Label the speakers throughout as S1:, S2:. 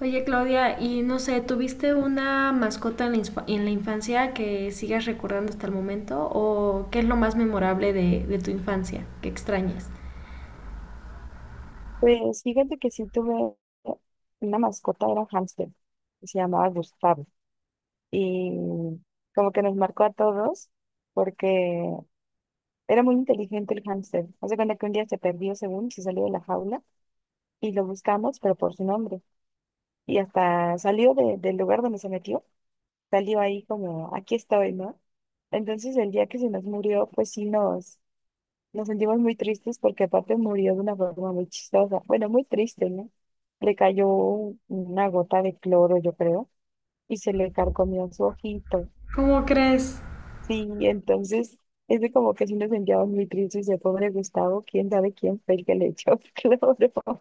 S1: Oye Claudia, y no sé, ¿tuviste una mascota en en la infancia que sigas recordando hasta el momento? ¿O qué es lo más memorable de tu infancia que extrañas?
S2: Pues fíjate que sí tuve una mascota, era hámster, que se llamaba Gustavo. Y como que nos marcó a todos porque era muy inteligente el hámster. Hace cuenta que un día se perdió según se salió de la jaula y lo buscamos, pero por su nombre. Y hasta salió del lugar donde se metió, salió ahí como, aquí estoy, ¿no? Entonces el día que se nos murió, pues sí nos sentimos muy tristes porque aparte murió de una forma muy chistosa. Bueno, muy triste, ¿no? Le cayó una gota de cloro, yo creo, y se le carcomió su ojito.
S1: ¿Cómo crees?
S2: Sí, entonces es de como que sí nos sentíamos muy tristes de pobre Gustavo, quién sabe quién fue el que le echó cloro.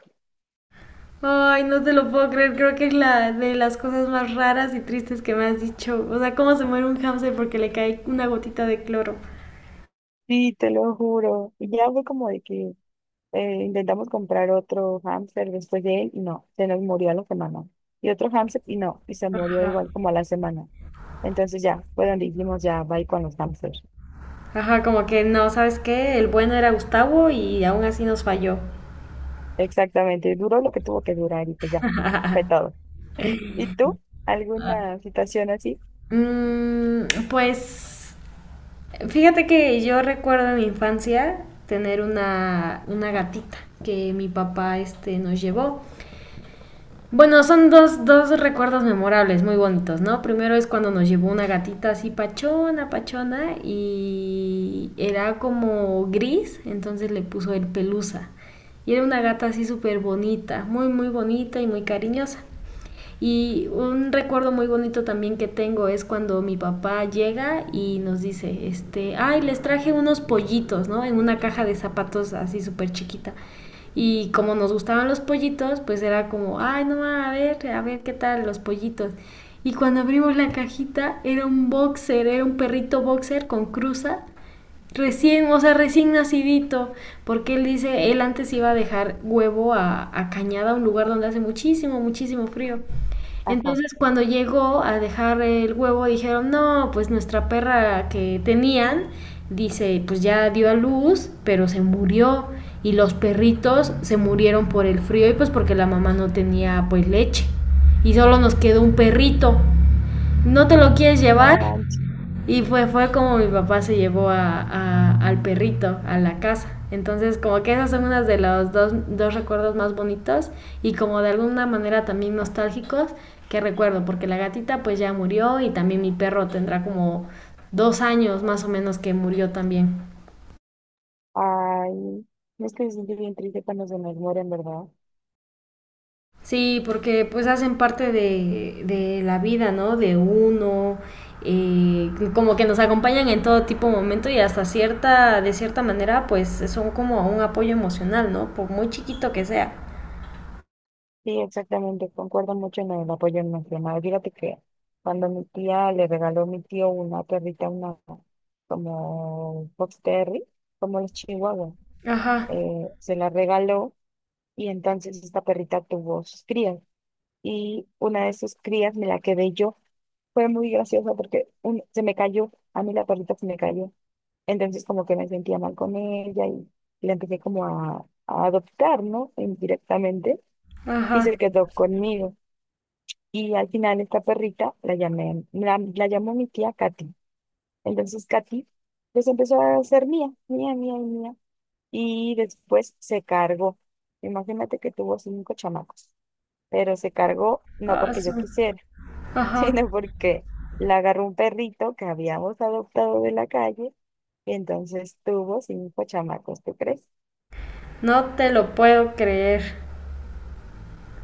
S1: Ay, no te lo puedo creer. Creo que es la de las cosas más raras y tristes que me has dicho. O sea, cómo se muere un hámster porque le cae una gotita de cloro.
S2: Sí, te lo juro. Y ya fue como de que intentamos comprar otro hámster después de él y no, se nos murió a la semana. Y otro hámster y no, y se murió igual como a la semana. Entonces ya, fue donde dijimos ya, bye con los hámsters.
S1: Ajá, como que no, ¿sabes qué? El bueno era Gustavo y aún así nos falló.
S2: Exactamente, duró lo que tuvo que durar y pues ya, fue todo. ¿Y tú? ¿Alguna situación así?
S1: Mm, pues fíjate que yo recuerdo en mi infancia tener una gatita que mi papá nos llevó. Bueno, son dos recuerdos memorables, muy bonitos, ¿no? Primero es cuando nos llevó una gatita así pachona, pachona, y era como gris, entonces le puso el pelusa. Y era una gata así súper bonita, muy, muy bonita y muy cariñosa. Y un recuerdo muy bonito también que tengo es cuando mi papá llega y nos dice, ay, les traje unos pollitos, ¿no? En una caja de zapatos así súper chiquita. Y como nos gustaban los pollitos, pues era como, ay, no, a ver qué tal los pollitos. Y cuando abrimos la cajita, era un boxer, era un perrito boxer con cruza, recién, o sea, recién nacidito, porque él dice, él antes iba a dejar huevo a Cañada, un lugar donde hace muchísimo, muchísimo frío.
S2: Ajá.
S1: Entonces, cuando llegó a dejar el huevo, dijeron, no, pues nuestra perra que tenían, dice, pues ya dio a luz, pero se murió. Y los perritos se murieron por el frío y pues porque la mamá no tenía pues leche. Y solo nos quedó un perrito. ¿No te lo quieres
S2: No
S1: llevar?
S2: manches.
S1: Y fue como mi papá se llevó a, al perrito a la casa. Entonces, como que esas son unas de los dos recuerdos más bonitos y como de alguna manera también nostálgicos que recuerdo, porque la gatita pues ya murió y también mi perro tendrá como dos años más o menos que murió también.
S2: Ay, no es que me siento bien triste cuando se nos mueren, ¿verdad?
S1: Sí, porque pues hacen parte de la vida, ¿no? De uno, como que nos acompañan en todo tipo de momento y hasta cierta, de cierta manera, pues son como un apoyo emocional, ¿no? Por muy chiquito que sea.
S2: Sí, exactamente, concuerdo mucho en el apoyo emocional. Fíjate que cuando mi tía le regaló a mi tío una perrita, una como Fox Terry, como los chihuahuas,
S1: Ajá,
S2: se la regaló y entonces esta perrita tuvo sus crías y una de sus crías me la quedé yo. Fue muy gracioso porque se me cayó, a mí la perrita se me cayó. Entonces como que me sentía mal con ella y la empecé como a adoptar, ¿no? Indirectamente y
S1: ajá,
S2: se quedó conmigo. Y al final esta perrita la llamó mi tía Katy. Entonces Katy pues empezó a ser mía, mía, mía y mía. Y después se cargó. Imagínate que tuvo cinco chamacos, pero se cargó no
S1: ah,
S2: porque yo
S1: su-
S2: quisiera, sino
S1: ajá,
S2: porque la agarró un perrito que habíamos adoptado de la calle y entonces tuvo cinco chamacos, ¿tú crees?
S1: no te lo puedo creer.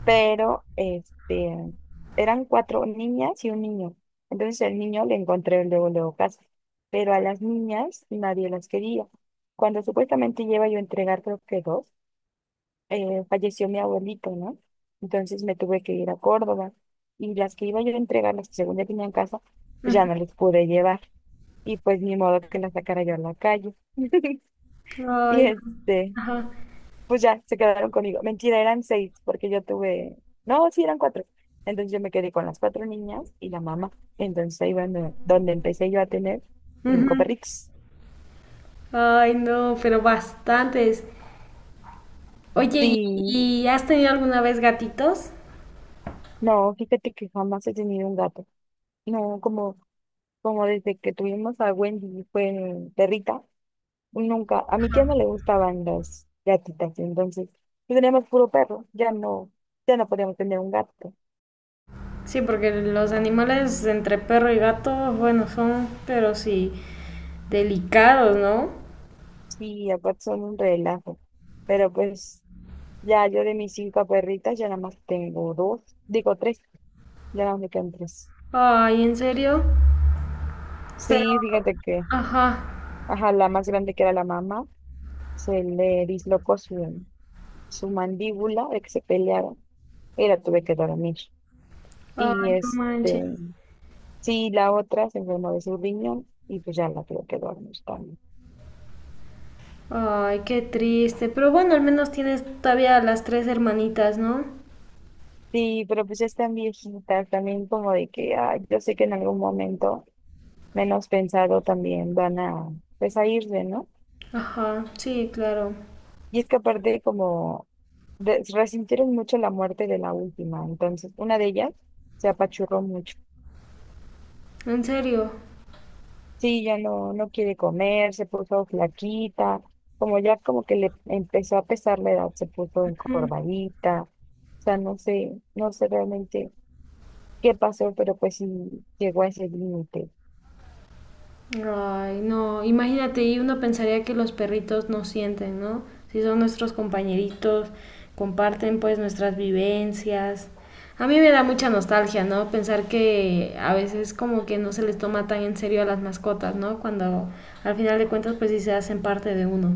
S2: Pero este, eran cuatro niñas y un niño. Entonces el niño le encontré luego, luego casa, pero a las niñas nadie las quería. Cuando supuestamente lleva yo a entregar, creo que dos, falleció mi abuelito, ¿no? Entonces me tuve que ir a Córdoba y las que iba yo a entregar, las que según ya tenía en casa, pues ya no les pude llevar. Y pues ni modo que las sacara yo a la calle. Y
S1: Ay,
S2: este,
S1: ajá,
S2: pues ya se quedaron conmigo. Mentira, eran seis, porque yo tuve, no, sí, eran cuatro. Entonces yo me quedé con las cuatro niñas y la mamá. Entonces ahí bueno, donde empecé yo a tener cinco
S1: ujú.
S2: perritos.
S1: Ay, no, pero bastantes. Oye,
S2: Sí,
S1: ¿y has tenido alguna vez gatitos?
S2: no, fíjate que jamás he tenido un gato. No, como desde que tuvimos a Wendy fue perrita, nunca, a mi tía no le gustaban las gatitas, entonces pues, teníamos puro perro, ya no podíamos tener un gato.
S1: Sí, porque los animales entre perro y gato, bueno, son, pero sí, delicados, ¿no?
S2: Sí, aparte son un relajo. Pero pues ya yo de mis cinco perritas ya nada más tengo dos, digo tres, ya nada más me quedan tres.
S1: Ay, ¿en serio? Pero,
S2: Sí, fíjate que,
S1: ajá,
S2: ajá, la más grande que era la mamá, se le dislocó su, su mandíbula de que se pelearon y la tuve que dormir.
S1: ay,
S2: Y
S1: no manches.
S2: este, sí, la otra se enfermó de su riñón y pues ya la tuve que dormir también.
S1: Ay, qué triste. Pero bueno, al menos tienes todavía a las tres hermanitas, ¿no?
S2: Sí, pero pues ya están viejitas también como de que, ay, yo sé que en algún momento, menos pensado, también van a, pues a irse, ¿no?
S1: Ajá, sí, claro.
S2: Y es que aparte como resintieron mucho la muerte de la última, entonces una de ellas se apachurró mucho.
S1: En serio.
S2: Sí, ya no, no quiere comer, se puso flaquita, como ya como que le empezó a pesar la edad, se puso encorvadita, o sea, no sé, no sé realmente qué pasó, pero pues sí llegó a ese límite.
S1: Ay, no, imagínate, y uno pensaría que los perritos no sienten, ¿no? Si son nuestros compañeritos, comparten pues nuestras vivencias. A mí me da mucha nostalgia, ¿no? Pensar que a veces como que no se les toma tan en serio a las mascotas, ¿no? Cuando al final de cuentas pues sí se hacen parte de uno.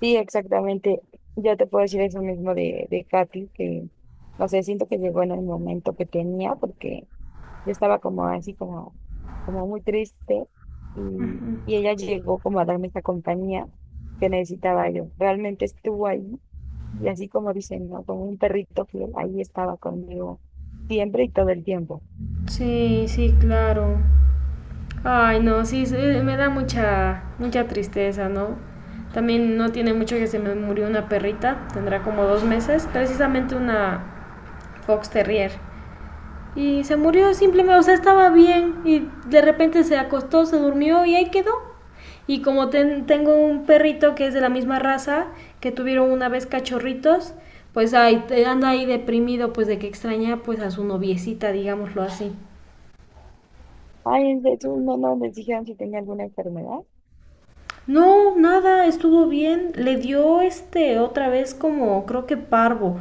S2: Sí, exactamente, ya te puedo decir eso mismo de Katy, que no sé, siento que llegó en el momento que tenía, porque yo estaba como así, como muy triste y ella llegó como a darme esta compañía que necesitaba yo. Realmente estuvo ahí y así como dicen, ¿no? Como un perrito fiel, ahí estaba conmigo siempre y todo el tiempo.
S1: Sí, sí, claro. Ay, no, sí, sí, me da mucha, mucha tristeza, ¿no? También no tiene mucho que se me murió una perrita, tendrá como dos meses, precisamente una, Fox Terrier. Y se murió simplemente, o sea, estaba bien y de repente se acostó, se durmió y ahí quedó. Y como tengo un perrito que es de la misma raza, que tuvieron una vez cachorritos, pues ahí anda ahí deprimido pues de que extraña pues a su noviecita, digámoslo así.
S2: Ay, de hecho, no, no, les dijeron si tenía alguna enfermedad.
S1: No, nada, estuvo bien. Le dio otra vez como creo que parvo,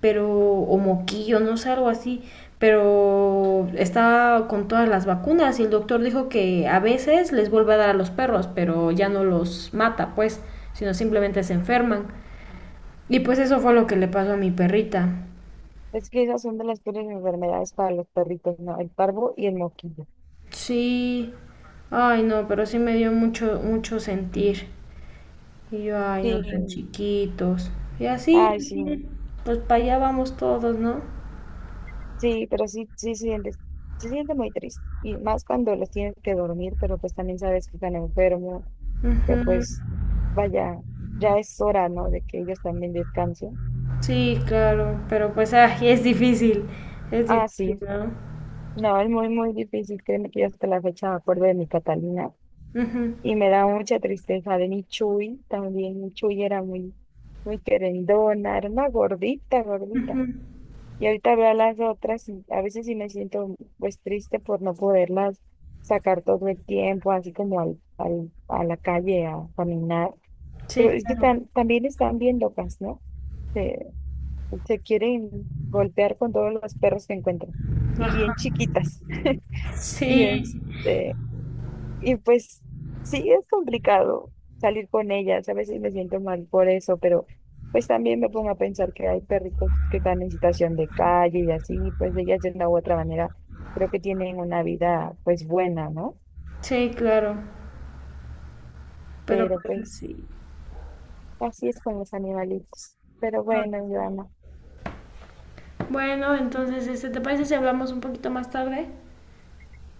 S1: pero o moquillo, no sé, algo así, pero está con todas las vacunas y el doctor dijo que a veces les vuelve a dar a los perros, pero ya no los mata, pues, sino simplemente se enferman. Y pues eso fue lo que le pasó a mi perrita.
S2: Es que esas son de las peores enfermedades para los perritos, ¿no? El parvo y el moquillo.
S1: Sí. Ay, no, pero sí me dio mucho mucho sentir. Y yo, ay, no
S2: Sí,
S1: tan chiquitos. Y así,
S2: ay, sí.
S1: así, pues para allá vamos todos, ¿no?
S2: Sí, pero sí, sí se siente muy triste. Y más cuando los tienes que dormir, pero pues también sabes que están enfermos, que pues vaya, ya es hora, ¿no? De que ellos también descansen.
S1: Sí, claro, pero pues ay, es
S2: Ah,
S1: difícil,
S2: sí.
S1: ¿no?
S2: No, es muy, muy difícil. Créeme que yo hasta la fecha me acuerdo de mi Catalina.
S1: Ujú,
S2: Y me da mucha tristeza de mi Chuy también. Mi Chuy era muy, muy querendona, era una gordita, gordita.
S1: ujú,
S2: Y ahorita veo a las otras y a veces sí me siento pues triste por no poderlas sacar todo el tiempo, así como al, a la calle a caminar. Pero
S1: sí,
S2: es que
S1: claro.
S2: también están bien locas, ¿no? Se, se quieren golpear con todos los perros que encuentran. Y bien
S1: Ajá,
S2: chiquitas. Y
S1: sí,
S2: este, y pues sí, es complicado salir con ellas. A veces me siento mal por eso, pero pues también me pongo a pensar que hay perritos que están en situación de calle y así, y pues ellas de una u otra manera creo que tienen una vida pues buena, ¿no?
S1: sí, claro, pero
S2: Pero
S1: pues
S2: pues
S1: sí.
S2: así es con los animalitos. Pero bueno, mi alma.
S1: Bueno, entonces, ¿te parece si hablamos un poquito más tarde?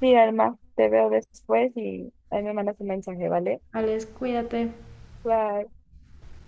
S2: Sí, alma, te veo después y ahí me mandas un mensaje, ¿vale?
S1: Alex, cuídate.
S2: Bye.